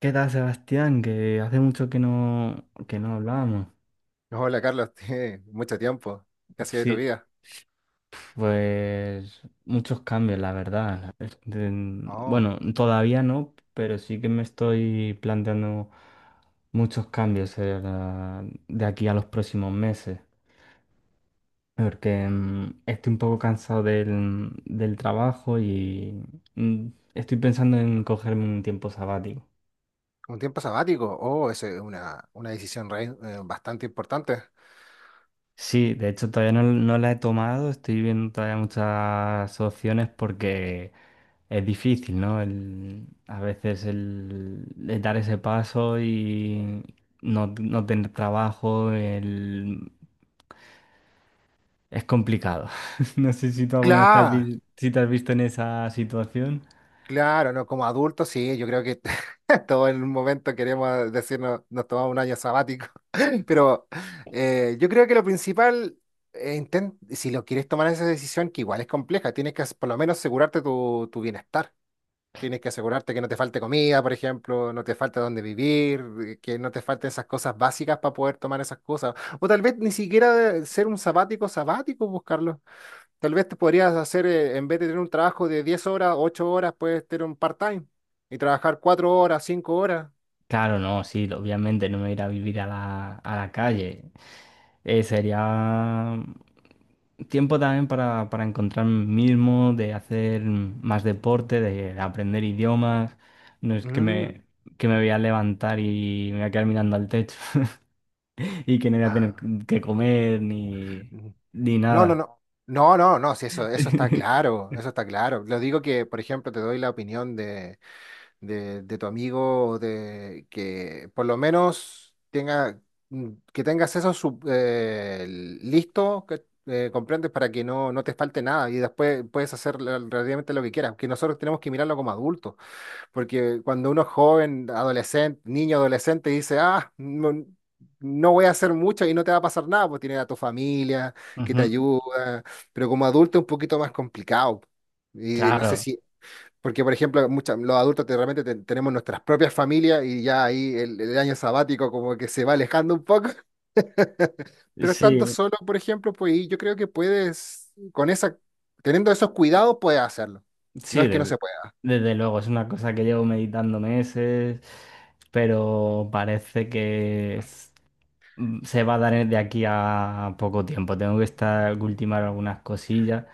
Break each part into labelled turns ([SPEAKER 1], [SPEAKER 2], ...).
[SPEAKER 1] ¿Qué tal, Sebastián? Que hace mucho que no hablábamos.
[SPEAKER 2] Hola Carlos, tiene mucho tiempo. ¿Qué ha sido de tu
[SPEAKER 1] Sí,
[SPEAKER 2] vida?
[SPEAKER 1] pues muchos cambios, la verdad.
[SPEAKER 2] Oh,
[SPEAKER 1] Bueno, todavía no, pero sí que me estoy planteando muchos cambios de aquí a los próximos meses. Porque estoy un poco cansado del trabajo y mm, estoy pensando en cogerme un tiempo sabático.
[SPEAKER 2] un tiempo sabático. Oh, esa es una decisión bastante importante.
[SPEAKER 1] Sí, de hecho todavía no la he tomado, estoy viendo todavía muchas opciones porque es difícil, ¿no? A veces el dar ese paso y no tener trabajo es complicado. No sé si tú alguna vez
[SPEAKER 2] Claro,
[SPEAKER 1] si te has visto en esa situación.
[SPEAKER 2] claro, ¿no? Como adultos, sí, yo creo que todos en un momento queremos decirnos, nos tomamos un año sabático. Pero yo creo que lo principal, si lo quieres tomar esa decisión, que igual es compleja, tienes que por lo menos asegurarte tu bienestar. Tienes que asegurarte que no te falte comida, por ejemplo, no te falte dónde vivir, que no te falten esas cosas básicas para poder tomar esas cosas. O tal vez ni siquiera ser un sabático sabático, buscarlo. Tal vez te podrías hacer, en vez de tener un trabajo de 10 horas, 8 horas, puedes tener un part-time y trabajar 4 horas, 5 horas.
[SPEAKER 1] Claro, no, sí, obviamente no me iré a vivir a la calle. Sería tiempo también para encontrarme mismo, de hacer más deporte, de aprender idiomas. No es
[SPEAKER 2] Mm.
[SPEAKER 1] que me voy a levantar y me voy a quedar mirando al techo y que no voy a tener
[SPEAKER 2] Ah.
[SPEAKER 1] que comer
[SPEAKER 2] Mm.
[SPEAKER 1] ni
[SPEAKER 2] No, no,
[SPEAKER 1] nada.
[SPEAKER 2] no. No, no, no, sí, eso está claro, eso está claro. Lo digo que, por ejemplo, te doy la opinión de, tu amigo, de que por lo menos tenga, que tengas eso listo, que, comprendes, para que no te falte nada y después puedes hacer relativamente lo que quieras, que nosotros tenemos que mirarlo como adultos, porque cuando uno es joven, adolescente, niño, adolescente, dice, ah, no, no voy a hacer mucho y no te va a pasar nada, pues tienes a tu familia que te
[SPEAKER 1] Ujú,
[SPEAKER 2] ayuda, pero como adulto es un poquito más complicado. Y no sé
[SPEAKER 1] claro,
[SPEAKER 2] si porque, por ejemplo, mucha- los adultos te- realmente te- tenemos nuestras propias familias y ya ahí el año sabático como que se va alejando un poco, pero estando
[SPEAKER 1] sí,
[SPEAKER 2] solo, por ejemplo, pues y yo creo que puedes, con esa, teniendo esos cuidados, puedes hacerlo. No
[SPEAKER 1] sí,
[SPEAKER 2] es que no se pueda.
[SPEAKER 1] desde luego, es una cosa que llevo meditando meses, pero parece que se va a dar de aquí a poco tiempo. Tengo que estar ultimar algunas cosillas,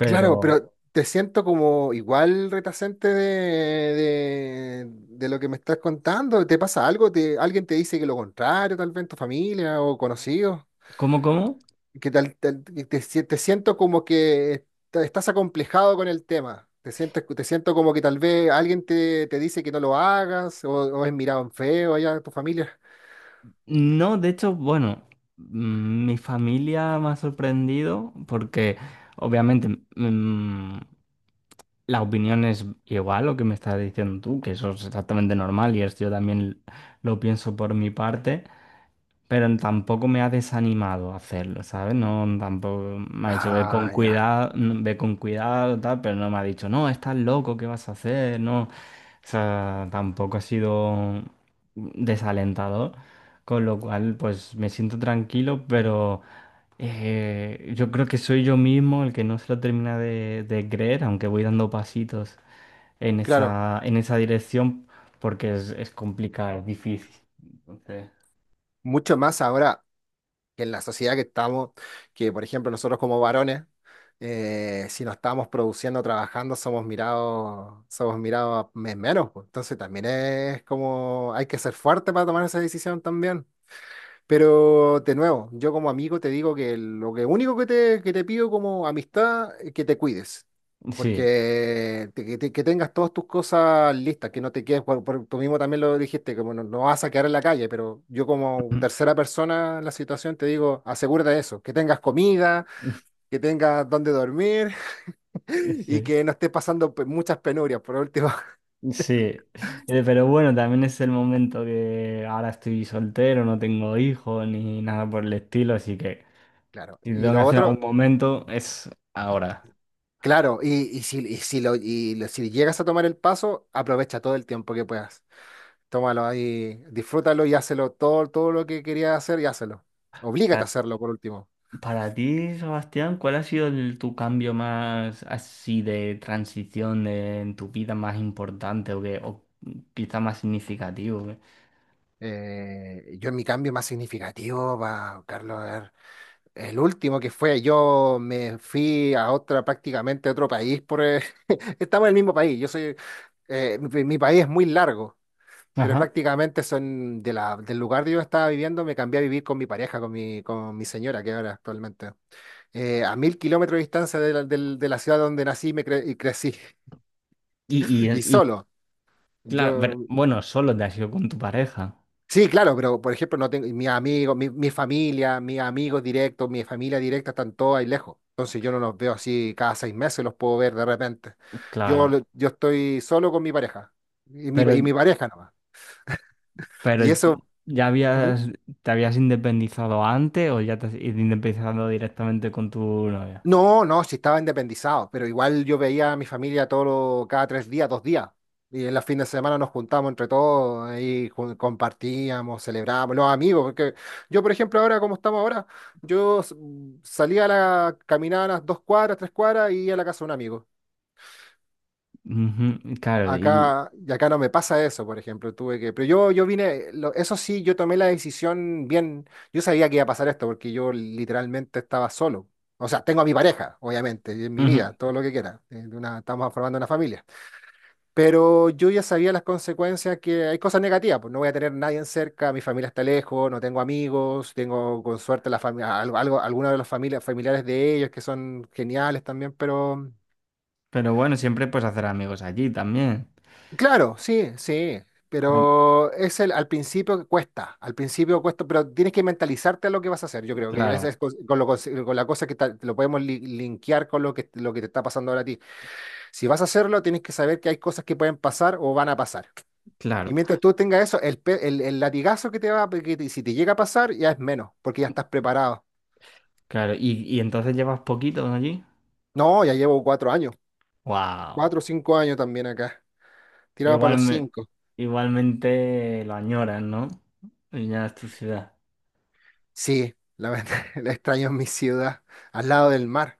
[SPEAKER 2] Claro, pero te siento como igual retacente de, lo que me estás contando. ¿Te pasa algo? ¿Alguien te dice que lo contrario, tal vez en tu familia o conocidos?
[SPEAKER 1] ¿cómo, cómo?
[SPEAKER 2] Que tal- tal- que te, si- te siento como que estás acomplejado con el tema. Te siento como que tal vez alguien te dice que no lo hagas o es mirado en feo allá en tu familia.
[SPEAKER 1] No, de hecho, bueno, mi familia me ha sorprendido porque obviamente mm, la opinión es igual lo que me estás diciendo tú, que eso es exactamente normal y esto yo también lo pienso por mi parte. Pero tampoco me ha desanimado a hacerlo, ¿sabes? No, tampoco me ha dicho, ve con
[SPEAKER 2] Ah, ya.
[SPEAKER 1] cuidado, ve con cuidado, tal, pero no me ha dicho, no, estás loco, ¿qué vas a hacer? No, o sea, tampoco ha sido desalentador, con lo cual, pues me siento tranquilo, pero yo creo que soy yo mismo el que no se lo termina de creer, aunque voy dando pasitos en
[SPEAKER 2] Claro,
[SPEAKER 1] esa, en esa dirección, porque es complicado, es difícil. Entonces,
[SPEAKER 2] mucho más ahora que en la sociedad que estamos, que por ejemplo nosotros como varones, si no estamos produciendo, trabajando, somos mirados menos, pues. Entonces también es como hay que ser fuerte para tomar esa decisión también. Pero de nuevo, yo como amigo te digo que lo que único que te pido como amistad es que te cuides,
[SPEAKER 1] sí.
[SPEAKER 2] porque que tengas todas tus cosas listas, que no te quedes, tú mismo también lo dijiste, como no vas a quedar en la calle, pero yo como tercera persona en la situación te digo, asegúrate de eso, que tengas comida, que tengas donde dormir y
[SPEAKER 1] Sí,
[SPEAKER 2] que no estés pasando muchas penurias por último.
[SPEAKER 1] sí. Pero bueno, también es el momento que ahora estoy soltero, no tengo hijos ni nada por el estilo, así que
[SPEAKER 2] Claro,
[SPEAKER 1] si
[SPEAKER 2] y
[SPEAKER 1] tengo que
[SPEAKER 2] lo
[SPEAKER 1] hacer
[SPEAKER 2] otro...
[SPEAKER 1] algún momento es ahora.
[SPEAKER 2] Claro, si llegas a tomar el paso, aprovecha todo el tiempo que puedas. Tómalo ahí, disfrútalo y hazlo todo, todo lo que querías hacer y hazlo. Oblígate
[SPEAKER 1] Para,
[SPEAKER 2] a hacerlo por último.
[SPEAKER 1] para ti, Sebastián, ¿cuál ha sido tu cambio más así de transición en tu vida más importante o, que, o quizá más significativo? ¿Eh?
[SPEAKER 2] Yo en mi cambio más significativo, va, Carlos, a ver, el último que fue, yo me fui a otra, prácticamente a otro país por... estamos en el mismo país, yo soy... mi país es muy largo, pero
[SPEAKER 1] Ajá.
[SPEAKER 2] prácticamente son del lugar donde yo estaba viviendo, me cambié a vivir con mi pareja, con mi señora que ahora actualmente. A 1000 kilómetros de distancia de la ciudad donde nací y y crecí.
[SPEAKER 1] Y, y,
[SPEAKER 2] Y
[SPEAKER 1] y
[SPEAKER 2] solo.
[SPEAKER 1] claro, pero
[SPEAKER 2] Yo,
[SPEAKER 1] bueno, solo te has ido con tu pareja,
[SPEAKER 2] sí, claro, pero por ejemplo, no tengo mis amigos, mi familia, mis amigos directos, mi familia directa están todos ahí lejos. Entonces yo no los veo así cada 6 meses, los puedo ver de repente. Yo,
[SPEAKER 1] claro.
[SPEAKER 2] lo- yo estoy solo con mi pareja
[SPEAKER 1] Pero
[SPEAKER 2] y mi pareja nomás.
[SPEAKER 1] Pero
[SPEAKER 2] Y eso.
[SPEAKER 1] ¿ya
[SPEAKER 2] ¿Mm?
[SPEAKER 1] habías, te habías independizado antes o ya te has independizado directamente con tu novia?
[SPEAKER 2] No, no, sí estaba independizado, pero igual yo veía a mi familia todos cada 3 días, 2 días. Y en los fines de semana nos juntábamos entre todos, ahí compartíamos, celebrábamos, los amigos, porque yo, por ejemplo, ahora como estamos ahora, yo s- salía caminaba a las 2 cuadras, 3 cuadras y iba a la casa de un amigo.
[SPEAKER 1] Ujú, claro, y
[SPEAKER 2] Acá, y acá no me pasa eso, por ejemplo, tuve que, pero yo vine, eso sí, yo tomé la decisión bien, yo sabía que iba a pasar esto porque yo literalmente estaba solo. O sea, tengo a mi pareja, obviamente, y en mi
[SPEAKER 1] ujú.
[SPEAKER 2] vida, todo lo que quiera. Estamos formando una familia. Pero yo ya sabía las consecuencias que hay cosas negativas, pues no voy a tener nadie en cerca, mi familia está lejos, no tengo amigos, tengo con suerte la familia, algunos de los familiares de ellos que son geniales también, pero...
[SPEAKER 1] Pero bueno, siempre puedes hacer amigos allí también.
[SPEAKER 2] Claro, sí, sí,
[SPEAKER 1] Cla-
[SPEAKER 2] pero es al principio cuesta, pero tienes que mentalizarte a lo que vas a hacer. Yo creo que
[SPEAKER 1] Claro,
[SPEAKER 2] esa es con la cosa que te lo podemos linkear con lo que te está pasando ahora a ti. Si vas a hacerlo, tienes que saber que hay cosas que pueden pasar o van a pasar. Y
[SPEAKER 1] claro,
[SPEAKER 2] mientras tú tengas eso, el latigazo que te va, a- que te- si te llega a pasar, ya es menos, porque ya estás preparado.
[SPEAKER 1] claro. Y entonces llevas poquito, ¿no?, allí?
[SPEAKER 2] No, ya llevo 4 años,
[SPEAKER 1] Wow.
[SPEAKER 2] 4 o 5 años también acá, tirado para los
[SPEAKER 1] Igualme,
[SPEAKER 2] cinco.
[SPEAKER 1] igualmente lo añoras, ¿no? Ya es tu ciudad.
[SPEAKER 2] Sí, la verdad, la extraño en mi ciudad, al lado del mar.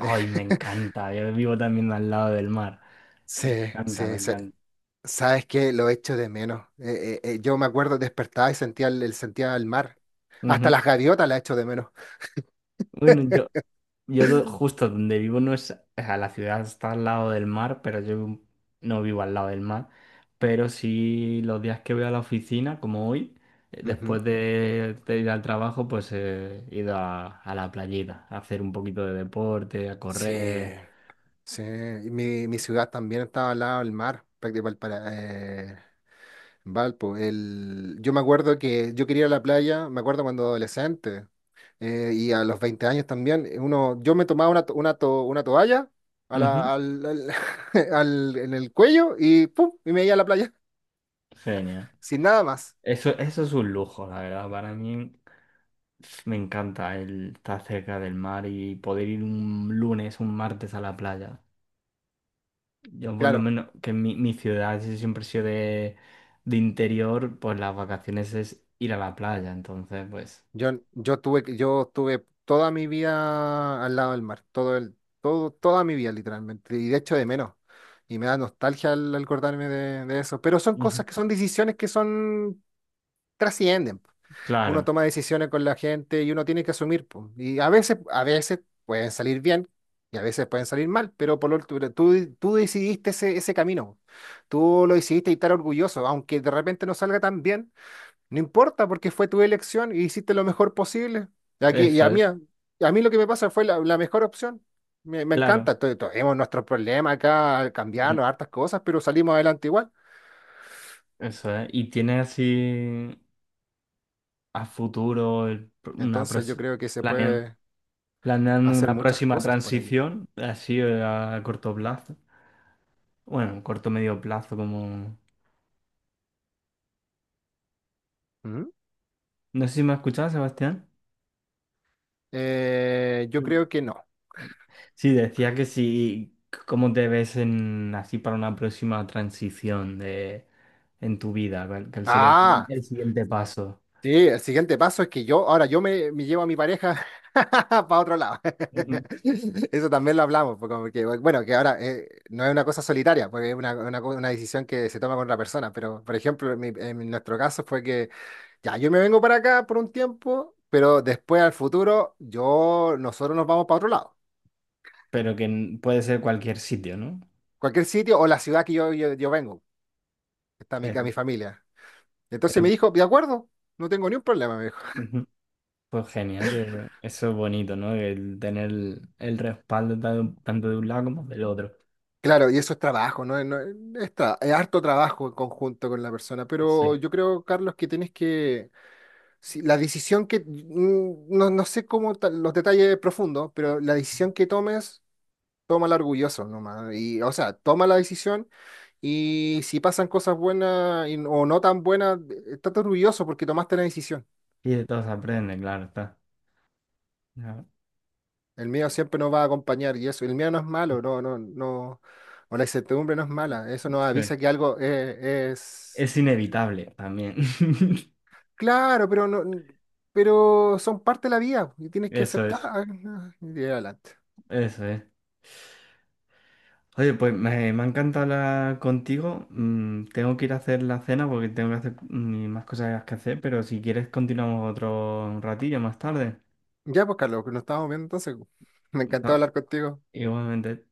[SPEAKER 1] Ay, me encanta. Yo vivo también al lado del mar.
[SPEAKER 2] Sí,
[SPEAKER 1] Me encanta, me
[SPEAKER 2] sí, sí.
[SPEAKER 1] encanta.
[SPEAKER 2] Sabes que lo echo de menos. Yo me acuerdo despertaba y sentía sentía el mar. Hasta
[SPEAKER 1] Ujú.
[SPEAKER 2] las gaviotas las echo de menos.
[SPEAKER 1] Bueno, yo justo donde vivo no es, o sea, la ciudad está al lado del mar, pero yo no vivo al lado del mar. Pero sí los días que voy a la oficina, como hoy,
[SPEAKER 2] Ujú.
[SPEAKER 1] después de ir al trabajo, pues he ido a la playita, a hacer un poquito de deporte, a
[SPEAKER 2] Sí,
[SPEAKER 1] correr.
[SPEAKER 2] sí. Y mi ciudad también estaba al lado del mar, prácticamente para Valpo. Yo me acuerdo que yo quería ir a la playa, me acuerdo cuando adolescente y a los 20 años también. Uno, yo me tomaba una toalla a
[SPEAKER 1] Ujú,
[SPEAKER 2] la- al, al- en el cuello y ¡pum! Y me iba a la playa
[SPEAKER 1] genial.
[SPEAKER 2] sin nada más.
[SPEAKER 1] Eso es un lujo, la verdad. Para mí, pf, me encanta el estar cerca del mar y poder ir un lunes, un martes a la playa. Yo por lo
[SPEAKER 2] Claro,
[SPEAKER 1] menos, que en mi ciudad sí siempre ha sido de interior, pues las vacaciones es ir a la playa, entonces pues...
[SPEAKER 2] yo tuve, yo tuve toda mi vida al lado del mar, toda mi vida literalmente, y de hecho de menos. Y me da nostalgia al acordarme de eso. Pero son
[SPEAKER 1] Ujú.
[SPEAKER 2] cosas que son decisiones que son, trascienden. Uno
[SPEAKER 1] Claro,
[SPEAKER 2] toma decisiones con la gente y uno tiene que asumir, po. Y a veces pueden salir bien y a veces pueden salir mal, pero por lo tú decidiste ese camino. Tú lo decidiste y estar orgulloso, aunque de repente no salga tan bien. No importa, porque fue tu elección y hiciste lo mejor posible. Aquí, y
[SPEAKER 1] eso es,
[SPEAKER 2] a mí lo que me pasa fue la mejor opción. Me
[SPEAKER 1] claro,
[SPEAKER 2] encanta. Tenemos nuestros problemas acá,
[SPEAKER 1] ujú,
[SPEAKER 2] cambiarnos hartas cosas, pero salimos adelante igual.
[SPEAKER 1] eso es. ¿Y tiene así a futuro el una
[SPEAKER 2] Entonces yo
[SPEAKER 1] próxima,
[SPEAKER 2] creo que se
[SPEAKER 1] planeando,
[SPEAKER 2] puede
[SPEAKER 1] planeando
[SPEAKER 2] hacer
[SPEAKER 1] una
[SPEAKER 2] muchas
[SPEAKER 1] próxima
[SPEAKER 2] cosas por aquí.
[SPEAKER 1] transición, así a corto plazo? Bueno, corto medio plazo, como...
[SPEAKER 2] ¿Mm?
[SPEAKER 1] No sé si me has escuchado, Sebastián.
[SPEAKER 2] Yo creo que no.
[SPEAKER 1] Sí, decía que sí, ¿cómo te ves en, así para una próxima transición de, en tu vida? ¿Cuál sería
[SPEAKER 2] Ah,
[SPEAKER 1] el siguiente paso?
[SPEAKER 2] sí, el siguiente paso es que yo, ahora yo me llevo a mi pareja para otro lado.
[SPEAKER 1] Ujú.
[SPEAKER 2] Eso también lo hablamos, porque, bueno, que ahora no es una cosa solitaria, porque es una decisión que se toma con otra persona, pero por ejemplo, en nuestro caso fue que ya yo me vengo para acá por un tiempo, pero después al futuro yo, nosotros nos vamos para otro lado,
[SPEAKER 1] Pero que puede ser cualquier sitio, ¿no?
[SPEAKER 2] cualquier sitio o la ciudad que yo vengo, que está
[SPEAKER 1] Eh,
[SPEAKER 2] mi familia. Entonces me
[SPEAKER 1] eh,
[SPEAKER 2] dijo, de acuerdo, no tengo ni un problema.
[SPEAKER 1] ujú. Pues genial, que eso es bonito, ¿no? El tener el respaldo tanto de un lado como del otro.
[SPEAKER 2] Claro, y eso es trabajo, ¿no? Es harto trabajo en conjunto con la persona, pero
[SPEAKER 1] Sí.
[SPEAKER 2] yo creo, Carlos, que tienes que, si la decisión que, no sé cómo los detalles profundos, pero la decisión que tomes, tómala orgulloso nomás. Y, o sea, toma la decisión y si pasan cosas buenas o no tan buenas, estate orgulloso porque tomaste la decisión.
[SPEAKER 1] Y de todos se aprende, claro, está. Ya.
[SPEAKER 2] El miedo siempre nos va a acompañar y eso, el miedo no es malo, no, no, no, o la incertidumbre no es mala, eso nos
[SPEAKER 1] Sí.
[SPEAKER 2] avisa que algo es...
[SPEAKER 1] Es inevitable también.
[SPEAKER 2] Claro, pero no, pero son parte de la vida y tienes que
[SPEAKER 1] Eso es,
[SPEAKER 2] aceptar. Y adelante.
[SPEAKER 1] eso es. Oye, pues me ha encantado hablar contigo. Tengo que ir a hacer la cena porque tengo que hacer más cosas que hacer, pero si quieres continuamos otro ratillo más tarde.
[SPEAKER 2] Ya, pues, Carlos, que nos estamos viendo entonces. Me encantó
[SPEAKER 1] Ah,
[SPEAKER 2] hablar contigo.
[SPEAKER 1] igualmente.